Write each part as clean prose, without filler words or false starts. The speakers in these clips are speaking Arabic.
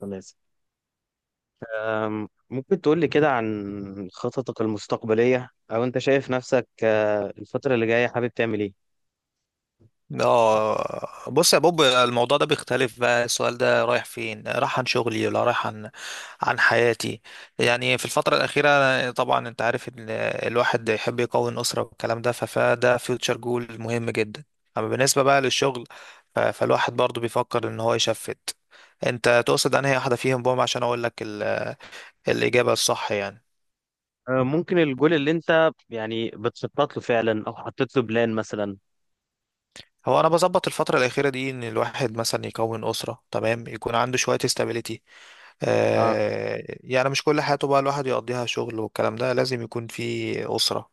خلاص. ممكن تقول لي كده عن خططك المستقبلية، أو أنت شايف نفسك الفترة اللي جاية، حابب تعمل إيه؟ اه بص يا بوب، الموضوع ده بيختلف. بقى السؤال ده رايح فين؟ رايح عن شغلي ولا رايح عن حياتي؟ يعني في الفترة الأخيرة طبعا انت عارف ان الواحد يحب يكون أسرة والكلام ده، فده فيوتشر جول مهم جدا. أما بالنسبة بقى للشغل، فالواحد برضو بيفكر ان هو يشفت. انت تقصد انهي واحدة فيهم بوم عشان اقول لك الإجابة الصح يعني؟ ممكن الجول اللي أنت يعني بتخطط له فعلا، أو حطيت له بلان مثلا؟ هو انا بظبط الفتره الاخيره دي ان الواحد مثلا يكون اسره، تمام، يكون عنده شويه استابيليتي. أه. يعني مش كل حياته بقى الواحد يقضيها شغل والكلام ده، لازم يكون في اسره.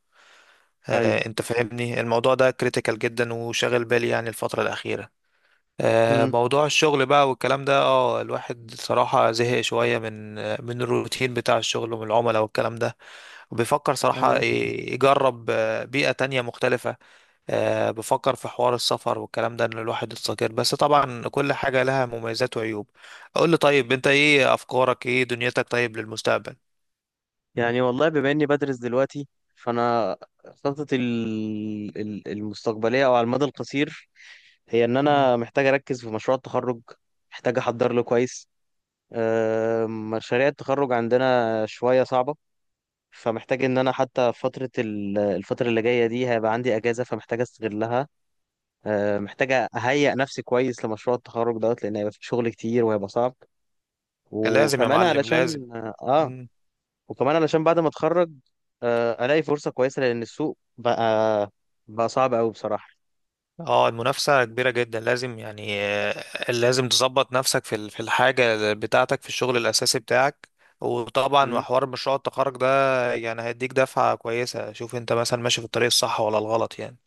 أيوه. انت فاهمني، الموضوع ده كريتيكال جدا وشاغل بالي يعني الفتره الاخيره. مم. موضوع الشغل بقى والكلام ده، الواحد صراحه زهق شويه من الروتين بتاع الشغل ومن العملاء والكلام ده. وبيفكر صراحه أيوه. يجرب بيئه تانية مختلفه. بفكر في حوار السفر والكلام ده ان الواحد يستقر، بس طبعا كل حاجة لها مميزات وعيوب. اقول لي طيب، انت ايه افكارك، ايه دنيتك طيب للمستقبل؟ يعني والله، بما إني بدرس دلوقتي، فأنا خططي المستقبلية أو على المدى القصير هي إن مم. أنا محتاج أركز في مشروع التخرج، محتاج أحضر له كويس. مشاريع التخرج عندنا شوية صعبة، فمحتاج ان انا حتى فترة الفترة اللي جاية دي هيبقى عندي اجازة، فمحتاج استغلها. محتاج اهيئ نفسي كويس لمشروع التخرج دوت، لان هيبقى في شغل كتير وهيبقى صعب. لازم يا وكمان معلم، لازم. علشان اه آه، مم. وكمان علشان بعد ما اتخرج الاقي فرصة كويسة، لان السوق بقى صعب قوي بصراحة. اه، المنافسة كبيرة جدا، لازم يعني لازم تظبط نفسك في في الحاجة بتاعتك، في الشغل الأساسي بتاعك. وطبعا مم. حوار مشروع التخرج ده يعني هيديك دفعة كويسة، شوف انت مثلا ماشي في الطريق الصح ولا الغلط يعني.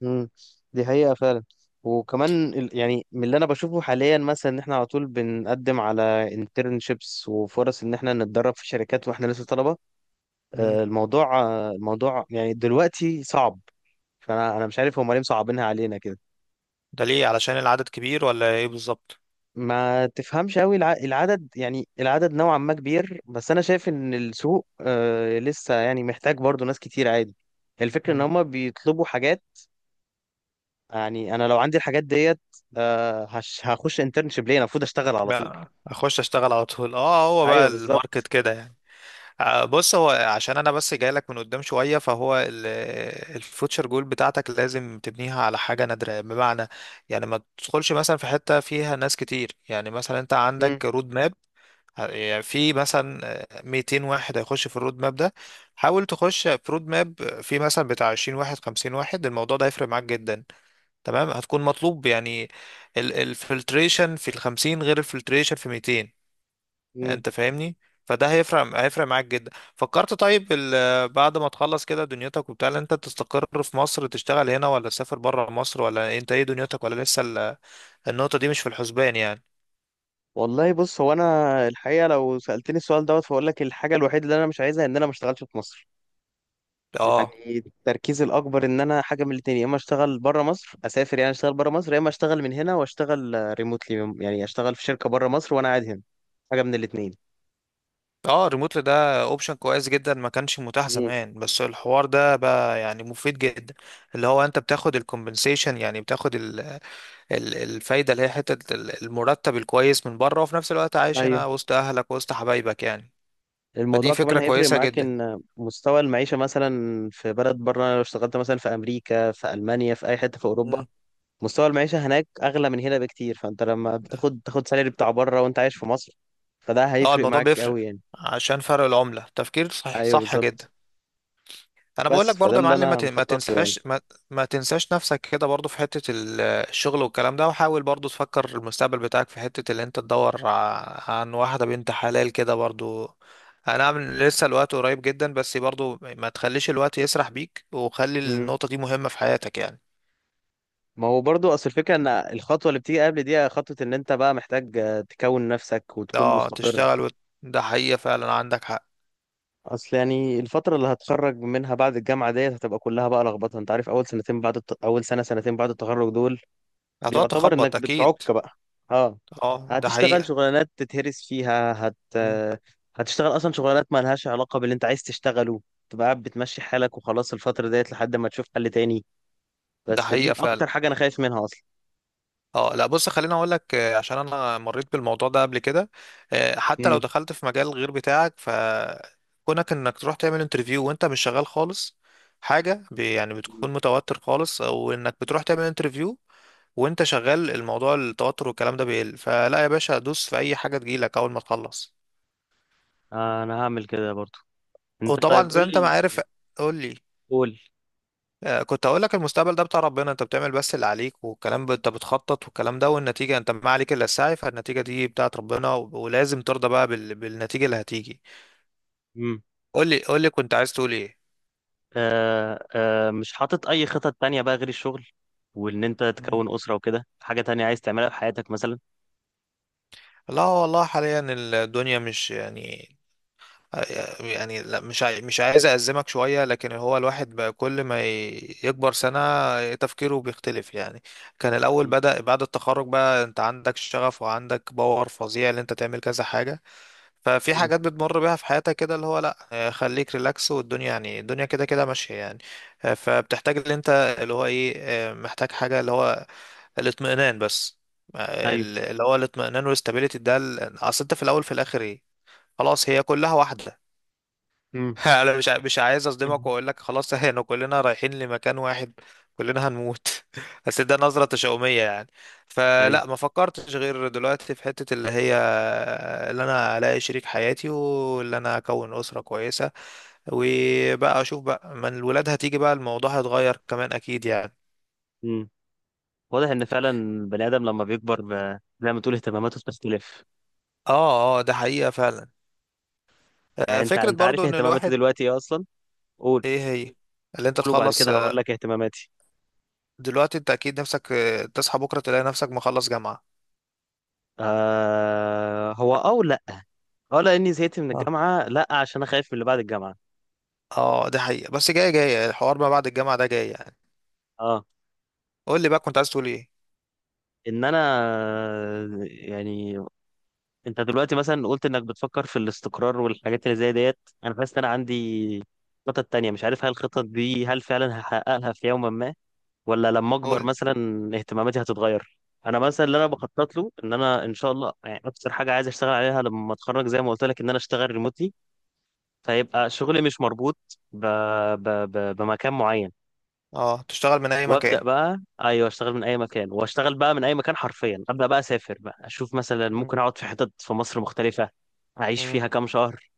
مم. دي حقيقة فعلا. وكمان يعني من اللي انا بشوفه حاليا، مثلا ان احنا على طول بنقدم على انترنشيبس وفرص ان احنا نتدرب في شركات واحنا لسه طلبة. مم. الموضوع يعني دلوقتي صعب. فانا مش عارف هم ليه مصعبينها علينا كده. ده ليه؟ علشان العدد كبير ولا ايه بالظبط؟ ما تفهمش قوي العدد. يعني العدد نوعا ما كبير، بس انا شايف ان السوق لسه يعني محتاج برضو ناس كتير عادي. الفكرة ان هم بيطلبوا حاجات. يعني انا لو عندي الحاجات ديت، هخش انترنشيب ليه؟ أنا المفروض اشتغل على طول. بقى اخش اشتغل على طول. اه هو بقى ايوه، بالظبط. الماركت كده يعني. بص، هو عشان انا بس جاي لك من قدام شويه، فهو الفوتشر جول بتاعتك لازم تبنيها على حاجه نادره، بمعنى يعني ما تدخلش مثلا في حته فيها ناس كتير. يعني مثلا انت مم. عندك رود ماب، يعني في مثلا 200 واحد هيخش في الرود ماب ده، حاول تخش في رود ماب في مثلا بتاع 20 واحد، 50 واحد. الموضوع ده هيفرق معاك جدا، تمام؟ هتكون مطلوب يعني. الفلتريشن في ال 50 غير الفلتريشن في 200. مم. انت فاهمني؟ فده هيفرق معاك جدا. فكرت طيب، بعد ما تخلص كده دنيتك وبتاع، لا انت تستقر في مصر تشتغل هنا، ولا تسافر بره مصر، ولا انت ايه دنيتك، ولا لسه النقطة دي مش في الحسبان يعني؟ والله بص، هو انا الحقيقه، لو سالتني السؤال دوت، فاقول لك الحاجه الوحيده اللي انا مش عايزها ان انا ما اشتغلش في مصر. اه يعني التركيز الاكبر ان انا حاجه من الاتنين، يا اما اشتغل بره مصر، اسافر، يعني اشتغل بره مصر، يا اما اشتغل من هنا واشتغل ريموتلي، يعني اشتغل في شركه بره مصر وانا قاعد هنا. حاجه من الاتنين. اه. ريموتلي ده اوبشن كويس جدا، ما كانش متاح مم. زمان، بس الحوار ده بقى يعني مفيد جدا، اللي هو انت بتاخد الكومبنسيشن، يعني بتاخد ال الفايدة اللي هي حتة المرتب الكويس من بره، وفي نفس الوقت عايش ايوه. هنا وسط اهلك وسط حبايبك يعني. فدي الموضوع كمان فكرة هيفرق كويسة معاك جدا. ان مستوى المعيشه مثلا في بلد بره، لو اشتغلت مثلا في امريكا، في المانيا، في اي حته في اوروبا، مستوى المعيشه هناك اغلى من هنا بكتير، فانت لما تاخد سالري بتاع بره وانت عايش في مصر، فده اه، هيفرق الموضوع معاك بيفرق قوي يعني. عشان فرق العملة، تفكير صح، ايوه صح جدا. بالظبط. انا بقول بس لك فده برضه يا اللي معلم، ما انا ت- ما مخطط له. تنساش ما, ما تنساش نفسك كده برضه في حتة الشغل والكلام ده، وحاول برضه تفكر المستقبل بتاعك في حتة اللي انت تدور عن واحدة بنت حلال كده برضه. انا عامل لسه الوقت قريب جدا، بس برضه ما تخليش الوقت يسرح بيك، وخلي يعني النقطة دي مهمة في حياتك يعني. ما هو برضو، اصل الفكره ان الخطوه اللي بتيجي قبل دي، خطوه ان انت بقى محتاج تكون نفسك وتكون اه، مستقر. تشتغل ده حقيقة فعلا، عندك حق. اصل يعني الفتره اللي هتخرج منها بعد الجامعه ديت هتبقى كلها بقى لخبطه. انت عارف اول سنه سنتين بعد التخرج دول هتقعد بيعتبر تخبط انك اكيد. بتعك بقى. اه. اه، ده هتشتغل حقيقة. شغلانات تتهرس فيها هت مم. آه، هتشتغل اصلا شغلانات ما لهاش علاقه باللي انت عايز تشتغله. تبقى قاعد بتمشي حالك وخلاص الفتره ديت لحد ما تشوف حل تاني. ده بس حقيقة فدي فعلا، اكتر حاجه انا خايف منها اصلا. اه لا بص خليني اقول لك، عشان انا مريت بالموضوع ده قبل كده. حتى لو مم. دخلت في مجال غير بتاعك، فكونك انك تروح تعمل انترفيو وانت مش شغال خالص، حاجة يعني بتكون متوتر خالص، او انك بتروح تعمل انترفيو وانت شغال، الموضوع التوتر والكلام ده بيقل. فلا يا باشا، دوس في اي حاجة تجيلك اول ما تخلص. انا هعمل كده برضو. انت طيب وطبعا زي قول انت ما لي. عارف. قول لي. قول. كنت هقول لك، المستقبل ده بتاع ربنا، انت بتعمل بس اللي عليك والكلام، انت بتخطط والكلام ده والنتيجة، انت ما عليك الا السعي، فالنتيجة دي بتاعت ربنا، ولازم ترضى بقى بالنتيجة اللي هتيجي. امم قول لي قول لي، كنت عايز تقول ايه؟ مش حاطط اي خطط تانية بقى غير الشغل، وان انت مم. تكون اسرة وكده؟ حاجة تانية عايز تعملها في حياتك مثلا؟ لا والله حاليا الدنيا مش يعني، يعني لا، مش عايز أأزمك شوية، لكن هو الواحد بقى كل ما يكبر سنة تفكيره بيختلف يعني. كان الأول ايوه. بدأ بعد التخرج بقى، أنت عندك شغف وعندك باور فظيع إن أنت تعمل كذا حاجة. ففي مم. حاجات بتمر بيها في حياتك كده، اللي هو لا، خليك ريلاكس، والدنيا يعني الدنيا كده كده ماشية يعني. فبتحتاج اللي انت، اللي هو ايه، محتاج حاجة، اللي هو الاطمئنان بس. آه، ايوه. اللي هو الاطمئنان والاستابيليتي ده، اصل انت في الاول في الاخر ايه؟ خلاص، هي كلها واحدة. مم. انا مش عايز اصدمك مم. واقول لك خلاص، احنا كلنا رايحين لمكان واحد، كلنا هنموت. بس ده نظرة تشاؤمية يعني. ايوه. فلا، ما فكرتش غير دلوقتي في حتة اللي هي اللي انا الاقي شريك حياتي، واللي انا اكون اسرة كويسة، وبقى اشوف بقى من الولاد هتيجي بقى الموضوع هيتغير كمان اكيد يعني. مم. واضح ان فعلا البني ادم لما بيكبر زي ما تقول اهتماماته بتختلف. اه اه، ده حقيقة فعلا. يعني انت فكرة انت عارف برضو ان اهتماماتي الواحد، دلوقتي ايه اصلا؟ قول ايه هي، اللي انت قول وبعد تخلص، كده هقول لك اهتماماتي. دلوقتي انت اكيد نفسك تصحى بكرة تلاقي نفسك مخلص جامعة. آه هو او لا. اه، لاني زهقت من الجامعة. لا، عشان انا خايف من اللي بعد الجامعة. اه دي حقيقة، بس جاية جاية الحوار ما بعد الجامعة ده جاي يعني. اه. قول لي بقى، كنت عايز تقول ايه؟ ان انا يعني، انت دلوقتي مثلا قلت انك بتفكر في الاستقرار والحاجات اللي زي ديت، انا حاسس ان انا عندي خطط تانية. مش عارف هل الخطط دي هل فعلا هحققها في يوم ما، ولا لما اكبر قول. مثلا اهتماماتي هتتغير. انا مثلا اللي انا بخطط له ان انا ان شاء الله، يعني اكتر حاجه عايز اشتغل عليها لما اتخرج، زي ما قلت لك، ان انا اشتغل ريموتلي، فيبقى شغلي مش مربوط ب... بمكان معين. اه، تشتغل من اي وابدا مكان. بقى. ايوه، اشتغل من اي مكان، واشتغل بقى من اي مكان حرفيا. ابدا بقى اسافر بقى، اشوف مثلا، مم. ممكن اقعد في حتت في مصر مختلفه، اعيش امم. فيها كام شهر،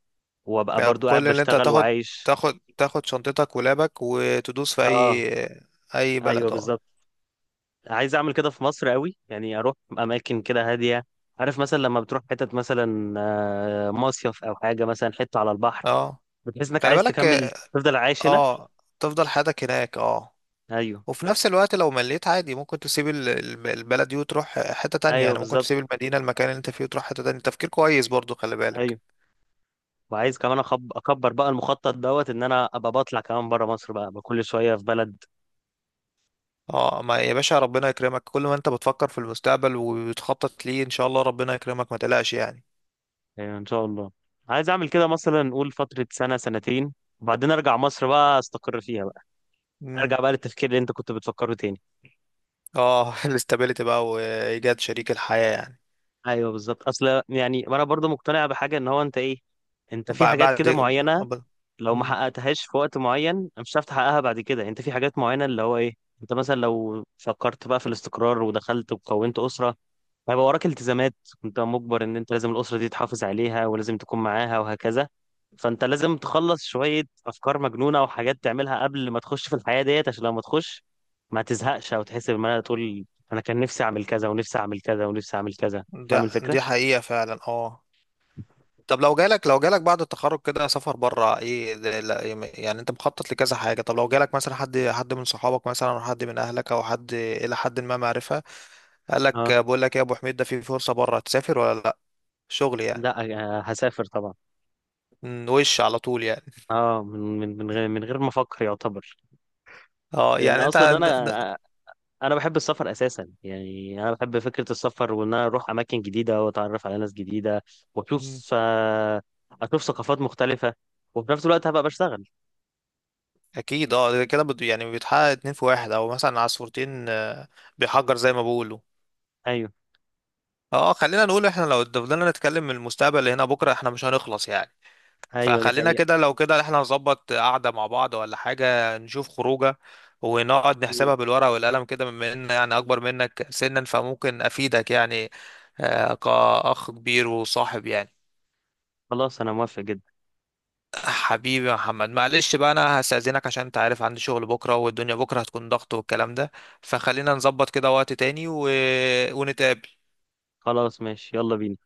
وابقى يعني برضو قاعد كل اللي انت بشتغل هتاخد، وعايش. تاخد شنطتك ولابك وتدوس في اي، اه. اي ايوه بلد، اه. بالظبط. عايز اعمل كده في مصر قوي يعني، اروح اماكن كده هاديه. عارف مثلا لما بتروح حتت مثلا مصيف او حاجه، مثلا حته على البحر، اه، بتحس انك خلي عايز بالك. تكمل تفضل عايش هنا. اه، تفضل حياتك هناك، اه. ايوه. وفي نفس الوقت لو مليت عادي، ممكن تسيب البلد دي وتروح حتة تانية. ايوه يعني ممكن بالظبط. تسيب المدينة، المكان اللي انت فيه وتروح حتة تانية. تفكير كويس برضو، خلي ايوه. بالك. وعايز كمان اكبر بقى المخطط دوت، ان انا ابقى بطلع كمان بره مصر بقى، أبقى كل شويه في بلد. اه، ما يا باشا، ربنا يكرمك، كل ما انت بتفكر في المستقبل وبتخطط ليه، ان شاء الله ربنا يكرمك، ما تقلقش يعني. ايوه ان شاء الله. عايز اعمل كده، مثلا نقول فترة سنة سنتين، وبعدين ارجع مصر بقى، استقر فيها بقى، امم. ارجع بقى للتفكير اللي انت كنت بتفكره تاني. اه، الاستابيليتي بقى وايجاد شريك الحياة يعني. ايوه بالظبط. اصل يعني انا برضو مقتنع بحاجة، ان هو انت ايه، انت في بعد حاجات بعد كده معينة أب- لو ما مم. حققتهاش في وقت معين مش هتعرف تحققها بعد كده. انت في حاجات معينة اللي هو ايه، انت مثلا لو فكرت بقى في الاستقرار ودخلت وكونت أسرة، هيبقى وراك التزامات، انت مجبر ان انت لازم الاسره دي تحافظ عليها، ولازم تكون معاها وهكذا. فانت لازم تخلص شويه افكار مجنونه وحاجات تعملها قبل ما تخش في الحياه ديت، عشان لما تخش ما تزهقش او تحس ان انا تقول انا كان نفسي اعمل كذا، ونفسي اعمل كذا، ونفسي اعمل كذا. فاهم ده الفكره. دي حقيقة فعلا، اه. طب لو جالك، بعد التخرج كده سفر بره، ايه يعني انت مخطط لكذا حاجة. طب لو جالك مثلا، حد من صحابك مثلا او حد من اهلك، او حد ما معرفة، قال لك اه، بقول لك إيه يا ابو حميد، ده في فرصة بره، تسافر ولا لا، شغل يعني؟ لا، هسافر طبعا. وش على طول يعني؟ اه، من غير ما افكر يعتبر. اه، لان يعني انت اصلا انا بحب السفر اساسا يعني. انا بحب فكره السفر، وان انا اروح اماكن جديده، واتعرف على ناس جديده، مم. واشوف آه، اشوف ثقافات مختلفه، وفي نفس الوقت هبقى بشتغل. اكيد. اه ده كده يعني بيتحقق اتنين في واحد، او مثلا عصفورتين بيحجر زي ما بيقولوا. ايوه. اه، خلينا نقول احنا لو فضلنا نتكلم من المستقبل اللي هنا بكره، احنا مش هنخلص يعني. ايوه دي فخلينا حقيقه. كده، لو كده احنا نظبط قعده مع بعض ولا حاجه، نشوف خروجه، ونقعد مم. نحسبها بالورقه والقلم كده، بما ان يعني اكبر منك سنا فممكن افيدك يعني، كاخ كبير وصاحب يعني. خلاص انا موافق جدا. حبيبي يا محمد، معلش بقى، انا هستأذنك عشان انت عارف عندي شغل بكرة والدنيا بكرة هتكون ضغط والكلام ده. فخلينا نظبط كده وقت تاني ونتقابل. خلاص ماشي، يلا بينا.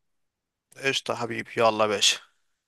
قشطة يا حبيبي، يلا يا باشا.